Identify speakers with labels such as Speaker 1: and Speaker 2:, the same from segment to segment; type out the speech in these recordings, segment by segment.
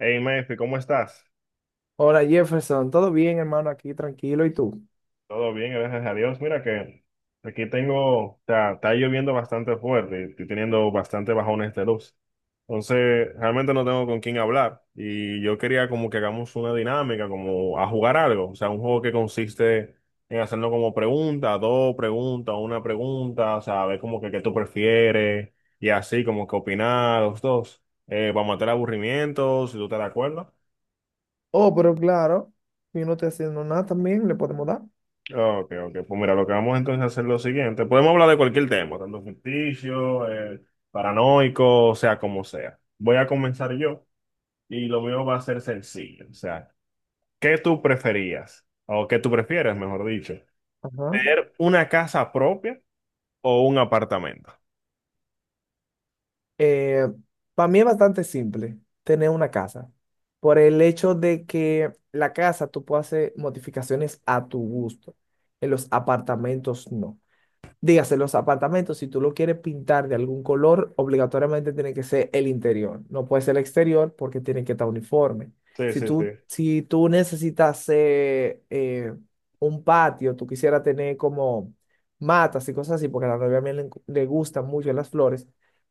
Speaker 1: Hey, Mefi, ¿cómo estás?
Speaker 2: Hola, Jefferson, ¿todo bien, hermano? Aquí tranquilo, ¿y tú?
Speaker 1: Todo bien, gracias a Dios. Mira que aquí tengo, o sea, está lloviendo bastante fuerte, estoy teniendo bastante bajones de luz. Entonces, realmente no tengo con quién hablar y yo quería como que hagamos una dinámica, como a jugar algo, o sea, un juego que consiste en hacernos como preguntas, dos preguntas, una pregunta, o sea, ver como que qué tú prefieres y así como que opinar los dos, para matar aburrimientos, si tú estás de acuerdo.
Speaker 2: Oh, pero claro, yo no estoy haciendo nada también, le podemos dar.
Speaker 1: Ok, ok. Pues mira, lo que vamos entonces a hacer es lo siguiente. Podemos hablar de cualquier tema, tanto ficticio, paranoico, o sea, como sea. Voy a comenzar yo y lo mío va a ser sencillo. O sea, ¿qué tú preferías? O qué tú prefieres, mejor dicho.
Speaker 2: Ajá.
Speaker 1: ¿Tener una casa propia o un apartamento?
Speaker 2: Para mí es bastante simple tener una casa, por el hecho de que la casa tú puedes hacer modificaciones a tu gusto, en los apartamentos no. Dígase, los apartamentos, si tú lo quieres pintar de algún color, obligatoriamente tiene que ser el interior. No puede ser el exterior porque tiene que estar uniforme.
Speaker 1: Sí,
Speaker 2: Si
Speaker 1: sí, sí.
Speaker 2: tú, si tú necesitas un patio, tú quisieras tener como matas y cosas así, porque a la novia mía le gustan mucho las flores.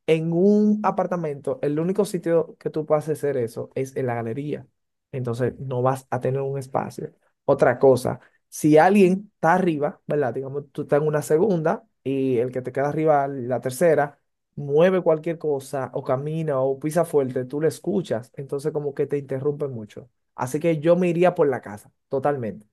Speaker 2: En un apartamento, el único sitio que tú puedes hacer eso es en la galería. Entonces, no vas a tener un espacio. Otra cosa, si alguien está arriba, ¿verdad? Digamos, tú estás en una segunda y el que te queda arriba, la tercera, mueve cualquier cosa o camina o pisa fuerte, tú le escuchas, entonces como que te interrumpe mucho. Así que yo me iría por la casa, totalmente.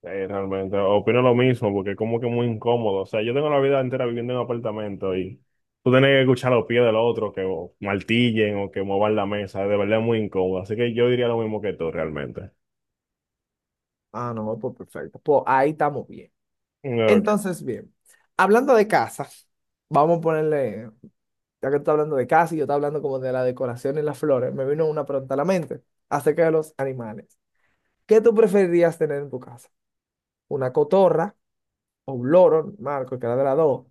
Speaker 1: Sí, realmente, opino lo mismo porque es como que muy incómodo. O sea, yo tengo la vida entera viviendo en un apartamento y tú tienes que escuchar los pies del otro que o, martillen o que muevan la mesa. De verdad es muy incómodo. Así que yo diría lo mismo que tú realmente.
Speaker 2: Ah, no, pues perfecto. Pues ahí estamos bien.
Speaker 1: Ok.
Speaker 2: Entonces, bien, hablando de casa, vamos a ponerle, ya que tú estás hablando de casa y yo estoy hablando como de la decoración y las flores, me vino una pregunta a la mente acerca de los animales. ¿Qué tú preferirías tener en tu casa? ¿Una cotorra o un loro, Marco, que era de las dos,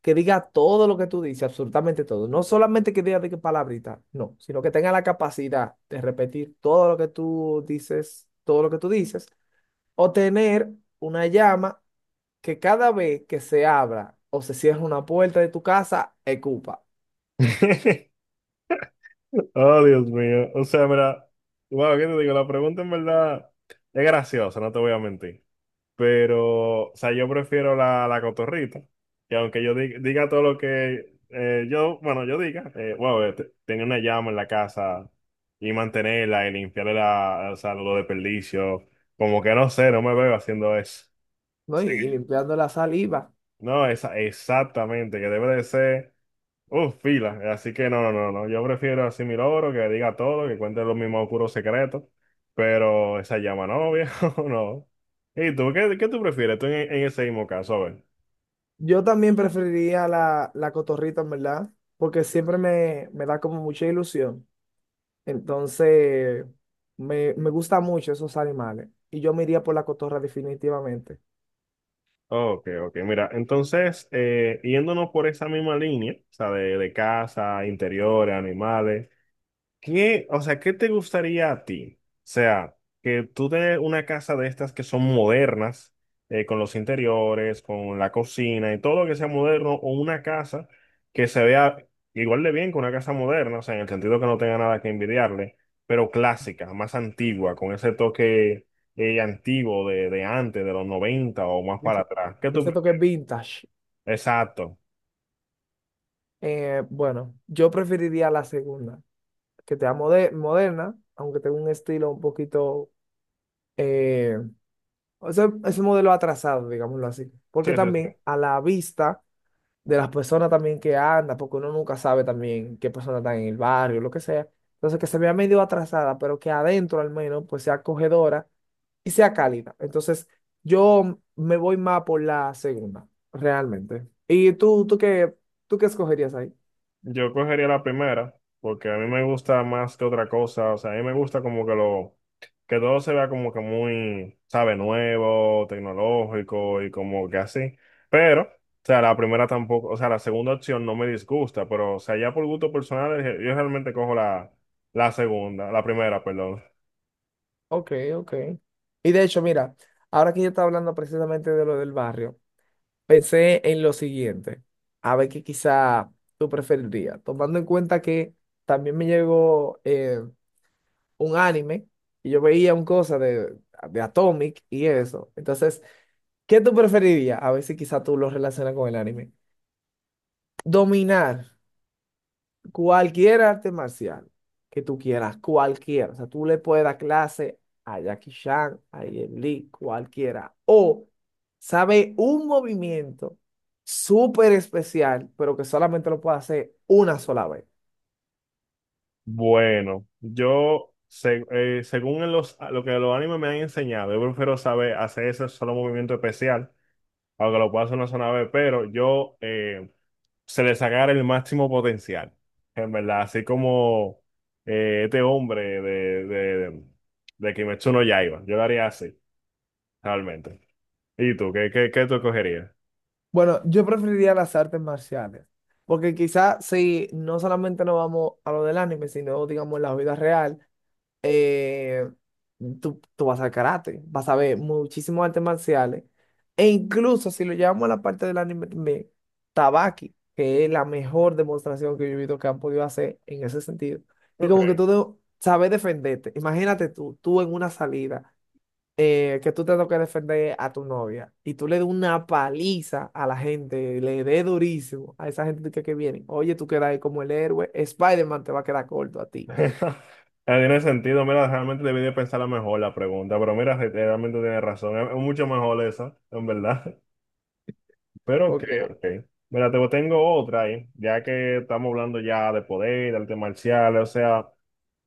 Speaker 2: que diga todo lo que tú dices, absolutamente todo? No solamente que diga de qué palabrita, no, sino que tenga la capacidad de repetir todo lo que tú dices, todo lo que tú dices, o tener una llama que cada vez que se abra o se cierra una puerta de tu casa, escupa,
Speaker 1: Oh, Dios mío. O sea, mira, bueno, ¿qué te digo? La pregunta en verdad es graciosa, no te voy a mentir. Pero, o sea, yo prefiero la cotorrita. Que aunque yo diga todo lo que yo, bueno, yo diga, bueno, tenía una llama en la casa y mantenerla y limpiarle la, o sea, los desperdicios. Como que no sé, no me veo haciendo eso.
Speaker 2: ¿no?
Speaker 1: Sí.
Speaker 2: Y limpiando la saliva.
Speaker 1: No, esa, exactamente, que debe de ser. Uf, fila. Así que no, no, no, no. Yo prefiero así mi logro, que diga todo, que cuente los mismos puros secretos. Pero esa llama no, viejo, no. ¿Y tú? ¿Qué, qué tú prefieres? Tú en ese mismo caso, a ver.
Speaker 2: Yo también preferiría la, la cotorrita, en verdad, porque siempre me da como mucha ilusión. Entonces, me gustan mucho esos animales. Y yo me iría por la cotorra definitivamente.
Speaker 1: Ok, ok. Mira, entonces, yéndonos por esa misma línea, o sea, de casa, interiores, animales. ¿Qué, o sea, qué te gustaría a ti? O sea, que tú de una casa de estas que son modernas, con los interiores, con la cocina y todo lo que sea moderno, o una casa que se vea igual de bien que una casa moderna, o sea, en el sentido que no tenga nada que envidiarle, pero clásica, más antigua, con ese toque antiguo de antes, de los 90 o más para
Speaker 2: Ese,
Speaker 1: atrás. ¿Qué tú
Speaker 2: ese toque
Speaker 1: prefieres?
Speaker 2: vintage.
Speaker 1: Exacto.
Speaker 2: Bueno, yo preferiría la segunda, que sea moderna, aunque tenga un estilo un poquito... eh, o sea, es un modelo atrasado, digámoslo así.
Speaker 1: Sí,
Speaker 2: Porque
Speaker 1: sí,
Speaker 2: también
Speaker 1: sí.
Speaker 2: a la vista de las personas también que anda, porque uno nunca sabe también qué persona está en el barrio, lo que sea. Entonces, que se vea medio atrasada, pero que adentro al menos pues sea acogedora y sea cálida. Entonces, yo me voy más por la segunda, realmente. ¿Y tú, tú qué escogerías ahí?
Speaker 1: Yo cogería la primera, porque a mí me gusta más que otra cosa. O sea, a mí me gusta como que que todo se vea como que muy, sabe, nuevo, tecnológico y como que así. Pero, o sea, la primera tampoco, o sea, la segunda opción no me disgusta, pero, o sea, ya por gusto personal, yo realmente cojo la segunda, la primera, perdón.
Speaker 2: Ok, ok. Y de hecho, mira, ahora que yo estaba hablando precisamente de lo del barrio, pensé en lo siguiente, a ver qué quizá tú preferirías, tomando en cuenta que también me llegó un anime y yo veía un cosa de Atomic y eso. Entonces, ¿qué tú preferirías? A ver si quizá tú lo relacionas con el anime. Dominar cualquier arte marcial que tú quieras, cualquiera. O sea, tú le puedes dar clase a Jackie Chan, a Jet Li, cualquiera. O sabe un movimiento súper especial, pero que solamente lo puede hacer una sola vez.
Speaker 1: Bueno, yo, según en los, lo que los animes me han enseñado, yo prefiero saber hacer ese solo movimiento especial aunque lo pueda hacer una zona B, pero yo se le sacara el máximo potencial, en verdad, así como este hombre de Kimetsu no Yaiba, yo lo haría así, realmente. ¿Y tú, qué tú escogerías?
Speaker 2: Bueno, yo preferiría las artes marciales, porque quizás si no solamente nos vamos a lo del anime, sino digamos en la vida real, eh, tú vas al karate, vas a ver muchísimos artes marciales, e incluso si lo llevamos a la parte del anime también, Tabaki, que es la mejor demostración que yo he visto que han podido hacer en ese sentido, y
Speaker 1: Ok.
Speaker 2: como que sabes defenderte, imagínate tú, tú en una salida que tú te toques defender a tu novia y tú le des una paliza a la gente, le des durísimo a esa gente que viene, oye, tú quedas ahí como el héroe, Spider-Man te va a quedar corto a ti.
Speaker 1: No tiene sentido, mira, realmente debí de pensarla mejor la pregunta, pero mira, realmente tienes razón, es mucho mejor esa, en verdad. Pero ok,
Speaker 2: Ok.
Speaker 1: ok. Mira, te tengo otra ahí, ya que estamos hablando ya de poder, de artes marciales, o sea.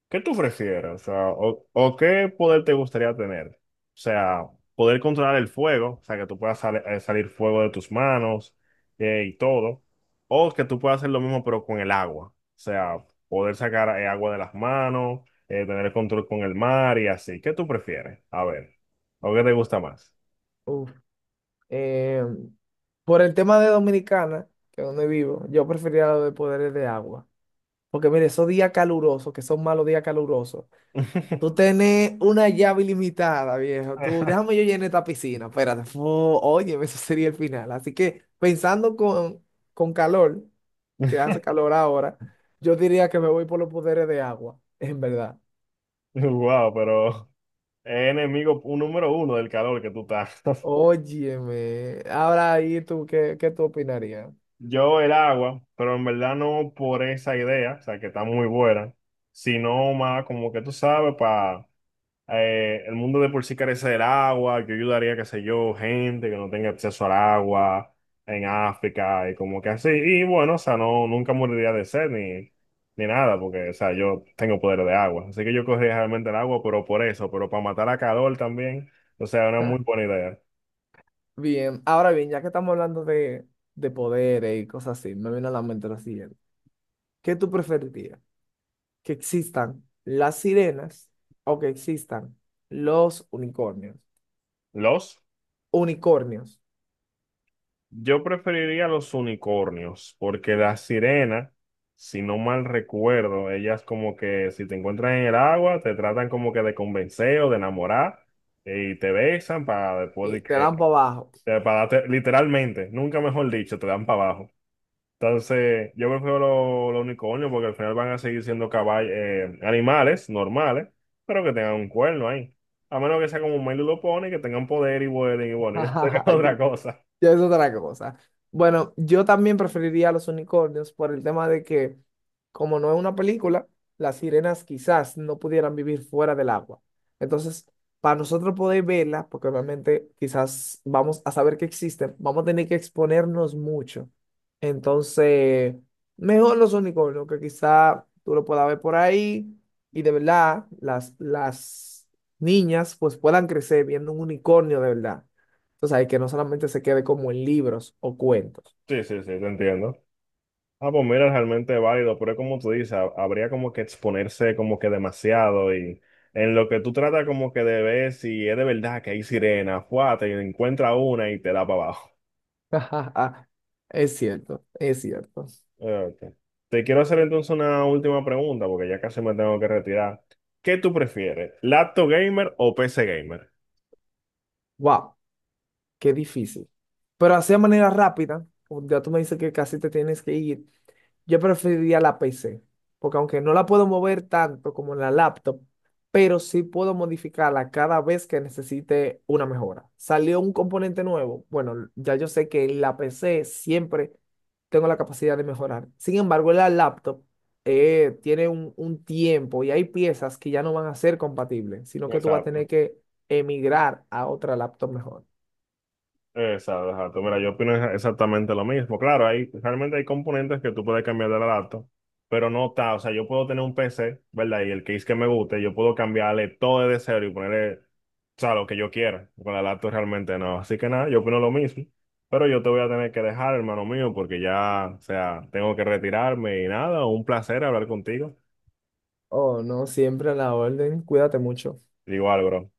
Speaker 1: ¿Qué tú prefieres? O sea, o qué poder te gustaría tener? O sea, poder controlar el fuego, o sea, que tú puedas salir fuego de tus manos y todo. O que tú puedas hacer lo mismo pero con el agua. O sea, poder sacar agua de las manos, tener el control con el mar y así. ¿Qué tú prefieres? A ver, ¿o qué te gusta más?
Speaker 2: Uf. Eh, por el tema de Dominicana, que es donde vivo, yo preferiría lo de poderes de agua. Porque mire, esos días calurosos, que son malos días calurosos, tú tenés una llave ilimitada, viejo. Tú, déjame yo llenar esta piscina. Espérate. Fu, oye, eso sería el final. Así que pensando con calor, que hace calor ahora, yo diría que me voy por los poderes de agua, en verdad.
Speaker 1: Wow, pero es enemigo número uno del calor que tú estás.
Speaker 2: Óyeme. Ahora ahí tú, qué tú opinarías?
Speaker 1: Yo el agua, pero en verdad no por esa idea, o sea, que está muy buena, sino más como que tú sabes, para el mundo de por sí carece del agua, yo ayudaría, qué sé yo, gente que no tenga acceso al agua en África y como que así. Y bueno, o sea, no, nunca moriría de sed ni, ni nada, porque, o sea, yo tengo poder de agua. Así que yo cogería realmente el agua, pero por eso, pero para matar a calor también, o sea, una muy buena idea.
Speaker 2: Bien, ahora bien, ya que estamos hablando de poderes y cosas así, me viene a la mente lo siguiente. ¿Qué tú preferirías? ¿Que existan las sirenas o que existan los unicornios?
Speaker 1: ¿Los?
Speaker 2: Unicornios
Speaker 1: Yo preferiría los unicornios, porque las sirenas, si no mal recuerdo, ellas como que si te encuentran en el agua, te tratan como que de convencer o de enamorar y te besan para después de
Speaker 2: y te
Speaker 1: que,
Speaker 2: dan para abajo.
Speaker 1: literalmente, nunca mejor dicho, te dan para abajo. Entonces, yo prefiero los unicornios porque al final van a seguir siendo caballos, animales normales, pero que tengan un cuerno ahí. A menos que sea como un Milo lo pone, que tengan poder y vuelen y bueno, y eso sería otra cosa.
Speaker 2: Ya es otra cosa. Bueno, yo también preferiría a los unicornios por el tema de que, como no es una película, las sirenas quizás no pudieran vivir fuera del agua. Entonces, para nosotros poder verla, porque obviamente quizás vamos a saber que existen, vamos a tener que exponernos mucho. Entonces, mejor los unicornios, que quizá tú lo puedas ver por ahí y de verdad las niñas pues puedan crecer viendo un unicornio de verdad. Tú sabes, que no solamente se quede como en libros o cuentos.
Speaker 1: Sí, sí, sí, te entiendo. Ah, pues mira, realmente válido, pero es como tú dices, habría como que exponerse como que demasiado y en lo que tú tratas como que de ver si es de verdad que hay sirena, fuá, te encuentra una y te da para abajo.
Speaker 2: Es cierto, es cierto.
Speaker 1: Ok. Te quiero hacer entonces una última pregunta porque ya casi me tengo que retirar. ¿Qué tú prefieres, laptop gamer o PC gamer?
Speaker 2: Wow, qué difícil. Pero así de manera rápida, o ya tú me dices que casi te tienes que ir. Yo preferiría la PC, porque aunque no la puedo mover tanto como en la laptop, pero sí puedo modificarla cada vez que necesite una mejora. Salió un componente nuevo. Bueno, ya yo sé que en la PC siempre tengo la capacidad de mejorar. Sin embargo, en la laptop tiene un tiempo y hay piezas que ya no van a ser compatibles, sino que tú vas a
Speaker 1: Exacto.
Speaker 2: tener que emigrar a otra laptop mejor.
Speaker 1: Exacto, exacto. Mira, yo opino exactamente lo mismo. Claro, hay, realmente hay componentes que tú puedes cambiar de la laptop, pero no está. O sea, yo puedo tener un PC, ¿verdad? Y el case que me guste, yo puedo cambiarle todo de cero y ponerle, o sea, lo que yo quiera. Con la laptop realmente no. Así que nada, yo opino lo mismo. Pero yo te voy a tener que dejar, hermano mío, porque ya, o sea, tengo que retirarme y nada, un placer hablar contigo.
Speaker 2: Oh, no, siempre a la orden. Cuídate mucho.
Speaker 1: Igual, bro.